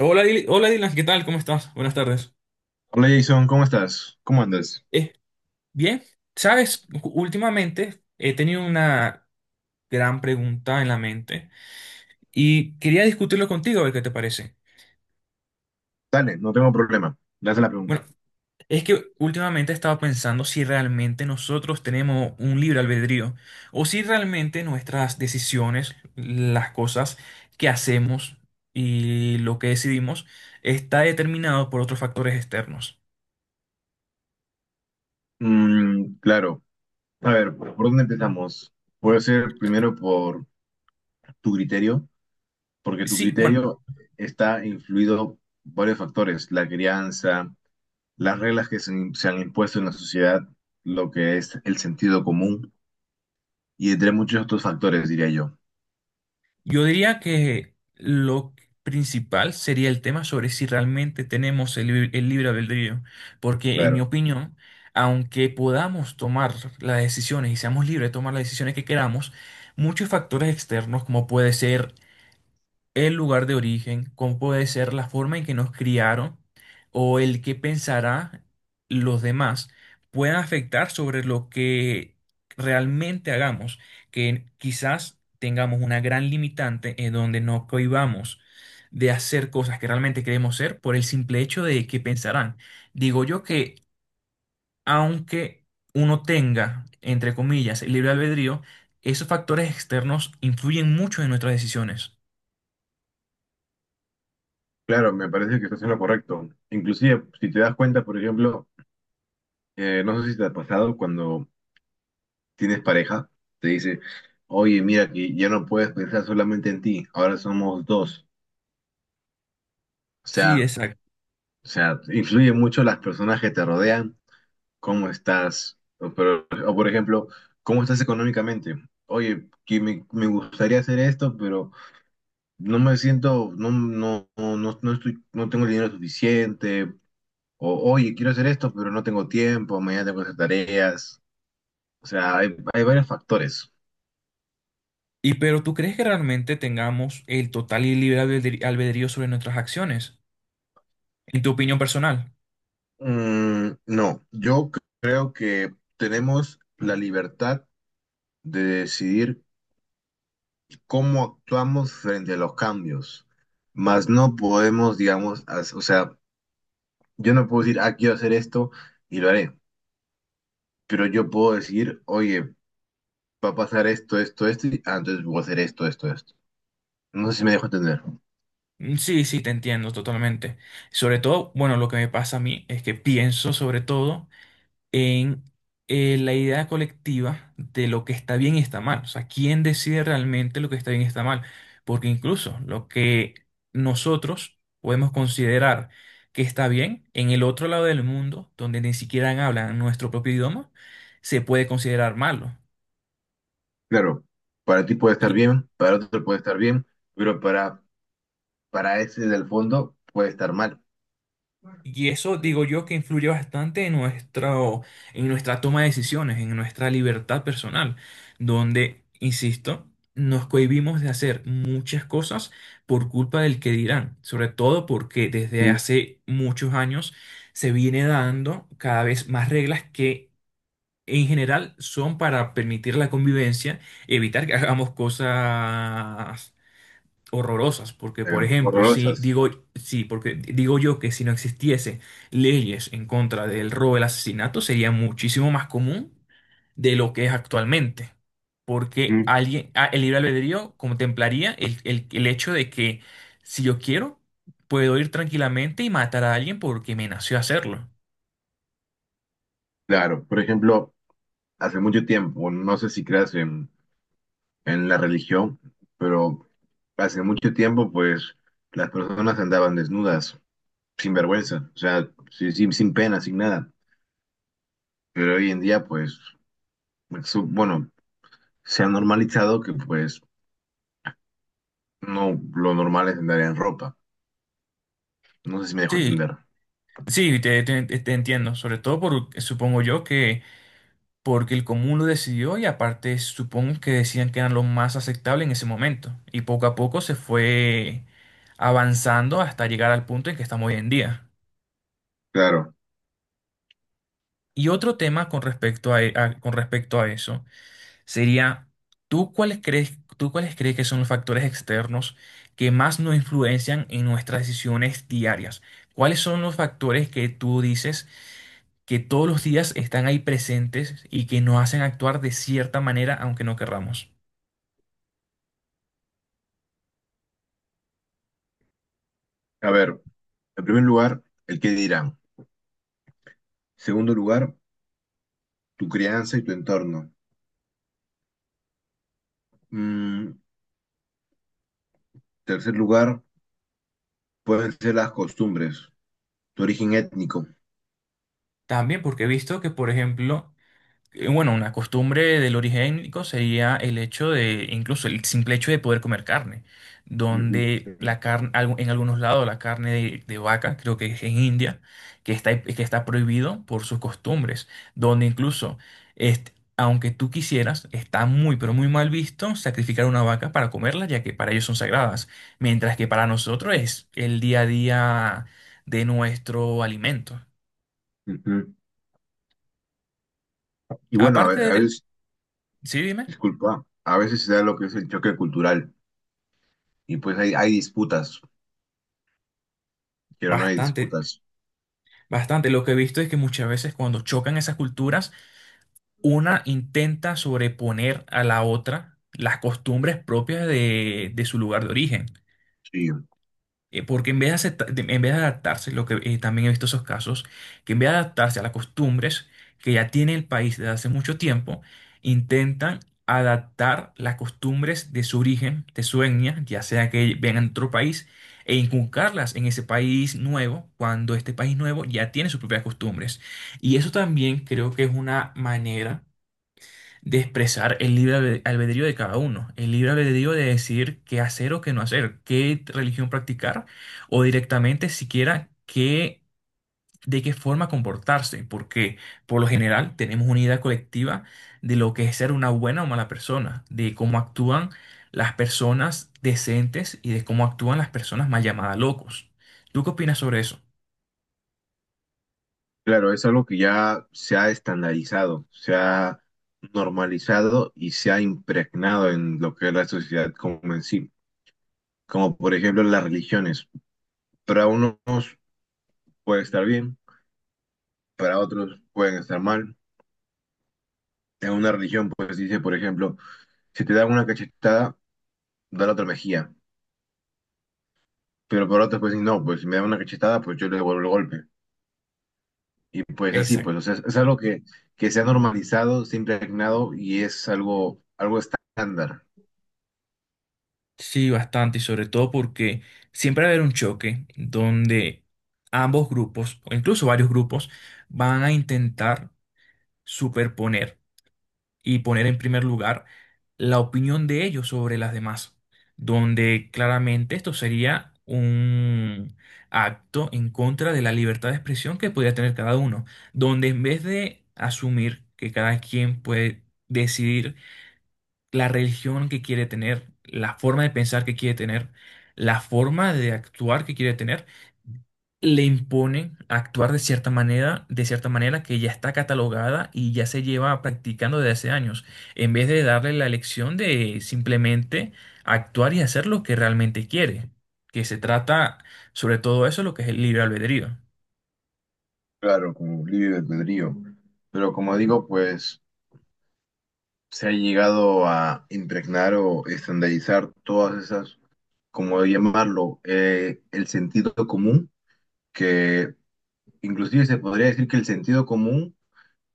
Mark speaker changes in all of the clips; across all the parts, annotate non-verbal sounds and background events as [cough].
Speaker 1: Hola, hola Dylan, ¿qué tal? ¿Cómo estás? Buenas tardes.
Speaker 2: Hola Jason, ¿cómo estás? ¿Cómo andas?
Speaker 1: Eh, Bien, sabes, últimamente he tenido una gran pregunta en la mente y quería discutirlo contigo, a ver qué te parece.
Speaker 2: Dale, no tengo problema. Le haces la pregunta.
Speaker 1: Bueno, es que últimamente he estado pensando si realmente nosotros tenemos un libre albedrío o si realmente nuestras decisiones, las cosas que hacemos y lo que decidimos está determinado por otros factores externos.
Speaker 2: Mm, claro. A ver, ¿por dónde empezamos? Puede ser primero por tu criterio, porque tu
Speaker 1: Sí, bueno.
Speaker 2: criterio está influido por varios factores, la crianza, las reglas que se han impuesto en la sociedad, lo que es el sentido común y entre muchos otros factores, diría yo.
Speaker 1: Yo diría que lo principal sería el tema sobre si realmente tenemos el libre albedrío, porque en mi
Speaker 2: Claro,
Speaker 1: opinión, aunque podamos tomar las decisiones y seamos libres de tomar las decisiones que queramos, muchos factores externos, como puede ser el lugar de origen, cómo puede ser la forma en que nos criaron o el que pensará los demás puedan afectar sobre lo que realmente hagamos, que quizás tengamos una gran limitante en donde no cohibamos de hacer cosas que realmente queremos ser por el simple hecho de que pensarán. Digo yo que aunque uno tenga, entre comillas, el libre albedrío, esos factores externos influyen mucho en nuestras decisiones.
Speaker 2: claro, me parece que estás en lo correcto. Inclusive, si te das cuenta, por ejemplo, no sé si te ha pasado cuando tienes pareja, te dice, oye, mira que ya no puedes pensar solamente en ti, ahora somos dos. O sea,
Speaker 1: Sí,
Speaker 2: o sea, influye mucho las personas que te rodean, cómo estás, o, o, por ejemplo, cómo estás económicamente. Oye, que me gustaría hacer esto, pero no me siento, no estoy, no tengo el dinero suficiente. O, oye, quiero hacer esto, pero no tengo tiempo, mañana tengo que hacer tareas. O sea, hay varios factores.
Speaker 1: y pero ¿tú crees que realmente tengamos el total y libre albedrío sobre nuestras acciones? En tu opinión personal.
Speaker 2: Mm, no, yo creo que tenemos la libertad de decidir cómo actuamos frente a los cambios, mas no podemos, digamos, o sea, yo no puedo decir, ah, quiero hacer esto y lo haré, pero yo puedo decir, oye, va a pasar esto, esto, esto, y ah, entonces voy a hacer esto, esto, esto. No sé si me dejo entender.
Speaker 1: Mm, sí, sí, te entiendo totalmente. Sobre todo, bueno, lo que me pasa a mí es que pienso sobre todo en la idea colectiva de lo que está bien y está mal. O sea, ¿quién decide realmente lo que está bien y está mal? Porque incluso lo que nosotros podemos considerar que está bien en el otro lado del mundo, donde ni siquiera hablan nuestro propio idioma, se puede considerar malo.
Speaker 2: Claro, para ti puede estar
Speaker 1: Y,
Speaker 2: bien, para otro puede estar bien, pero para ese del fondo puede estar mal.
Speaker 1: y eso digo yo que influye bastante en nuestro, en nuestra toma de decisiones, en nuestra libertad personal, donde, insisto, nos cohibimos de hacer muchas cosas por culpa del que dirán, sobre todo porque desde
Speaker 2: Mm,
Speaker 1: hace muchos años se viene dando cada vez más reglas que en general son para permitir la convivencia, evitar que hagamos cosas horrorosas, porque por ejemplo, si
Speaker 2: horrorosas.
Speaker 1: digo, sí, porque digo yo que si no existiese leyes en contra del robo, el asesinato, sería muchísimo más común de lo que es actualmente, porque alguien, ah, el libre albedrío contemplaría el hecho de que si yo quiero, puedo ir tranquilamente y matar a alguien porque me nació hacerlo.
Speaker 2: Claro, por ejemplo, hace mucho tiempo, no sé si creas en la religión, pero hace mucho tiempo, pues las personas andaban desnudas, sin vergüenza, o sea, sin pena, sin nada. Pero hoy en día, pues, bueno, se ha normalizado que, pues, no lo normal es andar en ropa. No sé si me dejo
Speaker 1: Sí,
Speaker 2: entender.
Speaker 1: sí, te entiendo, sobre todo por, supongo yo que porque el común lo decidió y aparte supongo que decían que era lo más aceptable en ese momento. Y poco a poco se fue avanzando hasta llegar al punto en que estamos hoy en día.
Speaker 2: Claro.
Speaker 1: Y otro tema con respecto a, con respecto a eso sería, ¿tú cuáles crees que son los factores externos que más nos influencian en nuestras decisiones diarias? ¿Cuáles son los factores que tú dices que todos los días están ahí presentes y que nos hacen actuar de cierta manera aunque no querramos?
Speaker 2: A ver, en primer lugar, el qué dirán. Segundo lugar, tu crianza y tu entorno. Mm, tercer lugar, pueden ser las costumbres, tu origen étnico.
Speaker 1: También porque he visto que, por ejemplo, bueno, una costumbre del origen origénico sería el hecho de, incluso el simple hecho de poder comer carne,
Speaker 2: Ujú,
Speaker 1: donde la carne, en algunos lados la carne de vaca, creo que es en India, que está prohibido por sus costumbres, donde incluso, este, aunque tú quisieras, está muy, pero muy mal visto sacrificar una vaca para comerla, ya que para ellos son sagradas, mientras que para nosotros es el día a día de nuestro alimento.
Speaker 2: ujú. Y bueno,
Speaker 1: Aparte
Speaker 2: a
Speaker 1: de,
Speaker 2: veces,
Speaker 1: sí, dime.
Speaker 2: disculpa, a veces se da lo que es el choque cultural y pues hay disputas, pero no hay
Speaker 1: Bastante,
Speaker 2: disputas.
Speaker 1: bastante. Lo que he visto es que muchas veces cuando chocan esas culturas, una intenta sobreponer a la otra las costumbres propias de su lugar de origen.
Speaker 2: Sí.
Speaker 1: Porque en vez de adaptarse, lo que también he visto esos casos, que en vez de adaptarse a las costumbres que ya tiene el país desde hace mucho tiempo, intentan adaptar las costumbres de su origen, de su etnia, ya sea que vengan de otro país, e inculcarlas en ese país nuevo, cuando este país nuevo ya tiene sus propias costumbres. Y eso también creo que es una manera de expresar el libre albedrío de cada uno, el libre albedrío de decidir qué hacer o qué no hacer, qué religión practicar o directamente siquiera qué, de qué forma comportarse, porque por lo general tenemos una idea colectiva de lo que es ser una buena o mala persona, de cómo actúan las personas decentes y de cómo actúan las personas mal llamadas locos. ¿Tú qué opinas sobre
Speaker 2: Claro, es algo que ya se ha estandarizado, se ha normalizado y se ha impregnado en lo que es la sociedad como en sí, como por ejemplo las religiones. Para unos puede estar bien, para otros pueden estar mal. En una religión, pues dice, por ejemplo, si te dan una cachetada, da la otra mejilla. Pero para otros, pues no, pues si me dan una cachetada, pues yo le devuelvo el golpe. Y pues así,
Speaker 1: eso?
Speaker 2: pues, o sea, es algo que se ha normalizado, se ha impregnado y es algo, algo estándar.
Speaker 1: Sí, bastante, y sobre todo porque siempre va a haber un choque donde ambos grupos, o incluso varios grupos, van a intentar superponer y poner en primer lugar la opinión de ellos sobre las demás, donde claramente esto sería un acto en contra de la libertad de expresión que podría tener cada uno, donde en vez de asumir que cada quien puede decidir la religión que quiere tener, la forma de pensar que quiere tener, la forma de actuar que quiere tener, le imponen actuar de cierta manera que ya está catalogada y ya se lleva practicando desde hace años, en vez de darle la elección de simplemente actuar y hacer lo que realmente quiere, que se trata sobre todo eso, lo que es el libre albedrío.
Speaker 2: Claro, como libre albedrío. Pero como digo, pues se ha llegado a impregnar o estandarizar todas esas, como llamarlo, el sentido común que inclusive se podría decir que el sentido común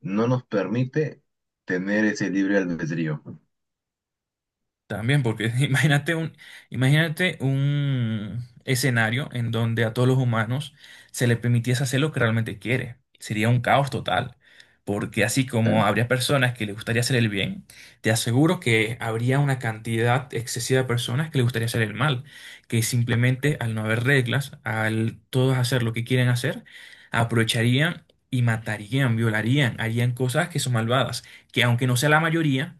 Speaker 2: no nos permite tener ese libre albedrío.
Speaker 1: También, porque [laughs] imagínate un escenario en donde a todos los humanos se les permitiese hacer lo que realmente quiere. Sería un caos total, porque así como
Speaker 2: Tan-
Speaker 1: habría personas que les gustaría hacer el bien, te aseguro que habría una cantidad excesiva de personas que les gustaría hacer el mal, que simplemente al no haber reglas, al todos hacer lo que quieren hacer, aprovecharían y matarían, violarían, harían cosas que son malvadas, que aunque no sea la mayoría,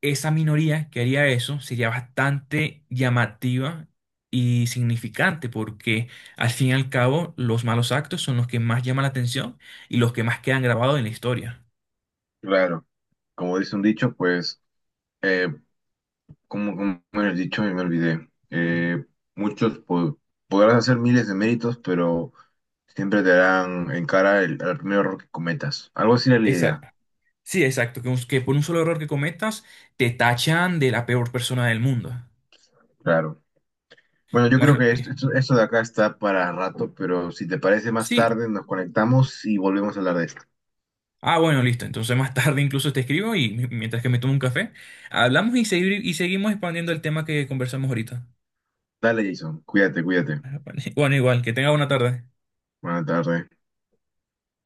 Speaker 1: esa minoría que haría eso sería bastante llamativa y significante porque al fin y al cabo los malos actos son los que más llaman la atención y los que más quedan grabados en la historia.
Speaker 2: Claro, como dice un dicho, pues, eh, como, como era el dicho, me olvidé. Muchos podrás hacer miles de méritos, pero siempre te darán en cara el, al primer error que cometas. Algo así era la
Speaker 1: Exacto.
Speaker 2: idea,
Speaker 1: Sí, exacto. Que por un solo error que cometas te tachan de la peor persona del mundo.
Speaker 2: claro. Bueno, yo creo
Speaker 1: Bueno,
Speaker 2: que esto de acá está para rato, pero si te parece más
Speaker 1: sí.
Speaker 2: tarde, nos conectamos y volvemos a hablar de esto.
Speaker 1: Ah, bueno, listo. Entonces más [laughs] tarde incluso te escribo y mientras que me tomo un café, hablamos y, y seguimos expandiendo el tema que conversamos ahorita.
Speaker 2: Dale, Jason, cuídate.
Speaker 1: [laughs] Bueno, igual, que tenga buena tarde.
Speaker 2: Buenas tardes.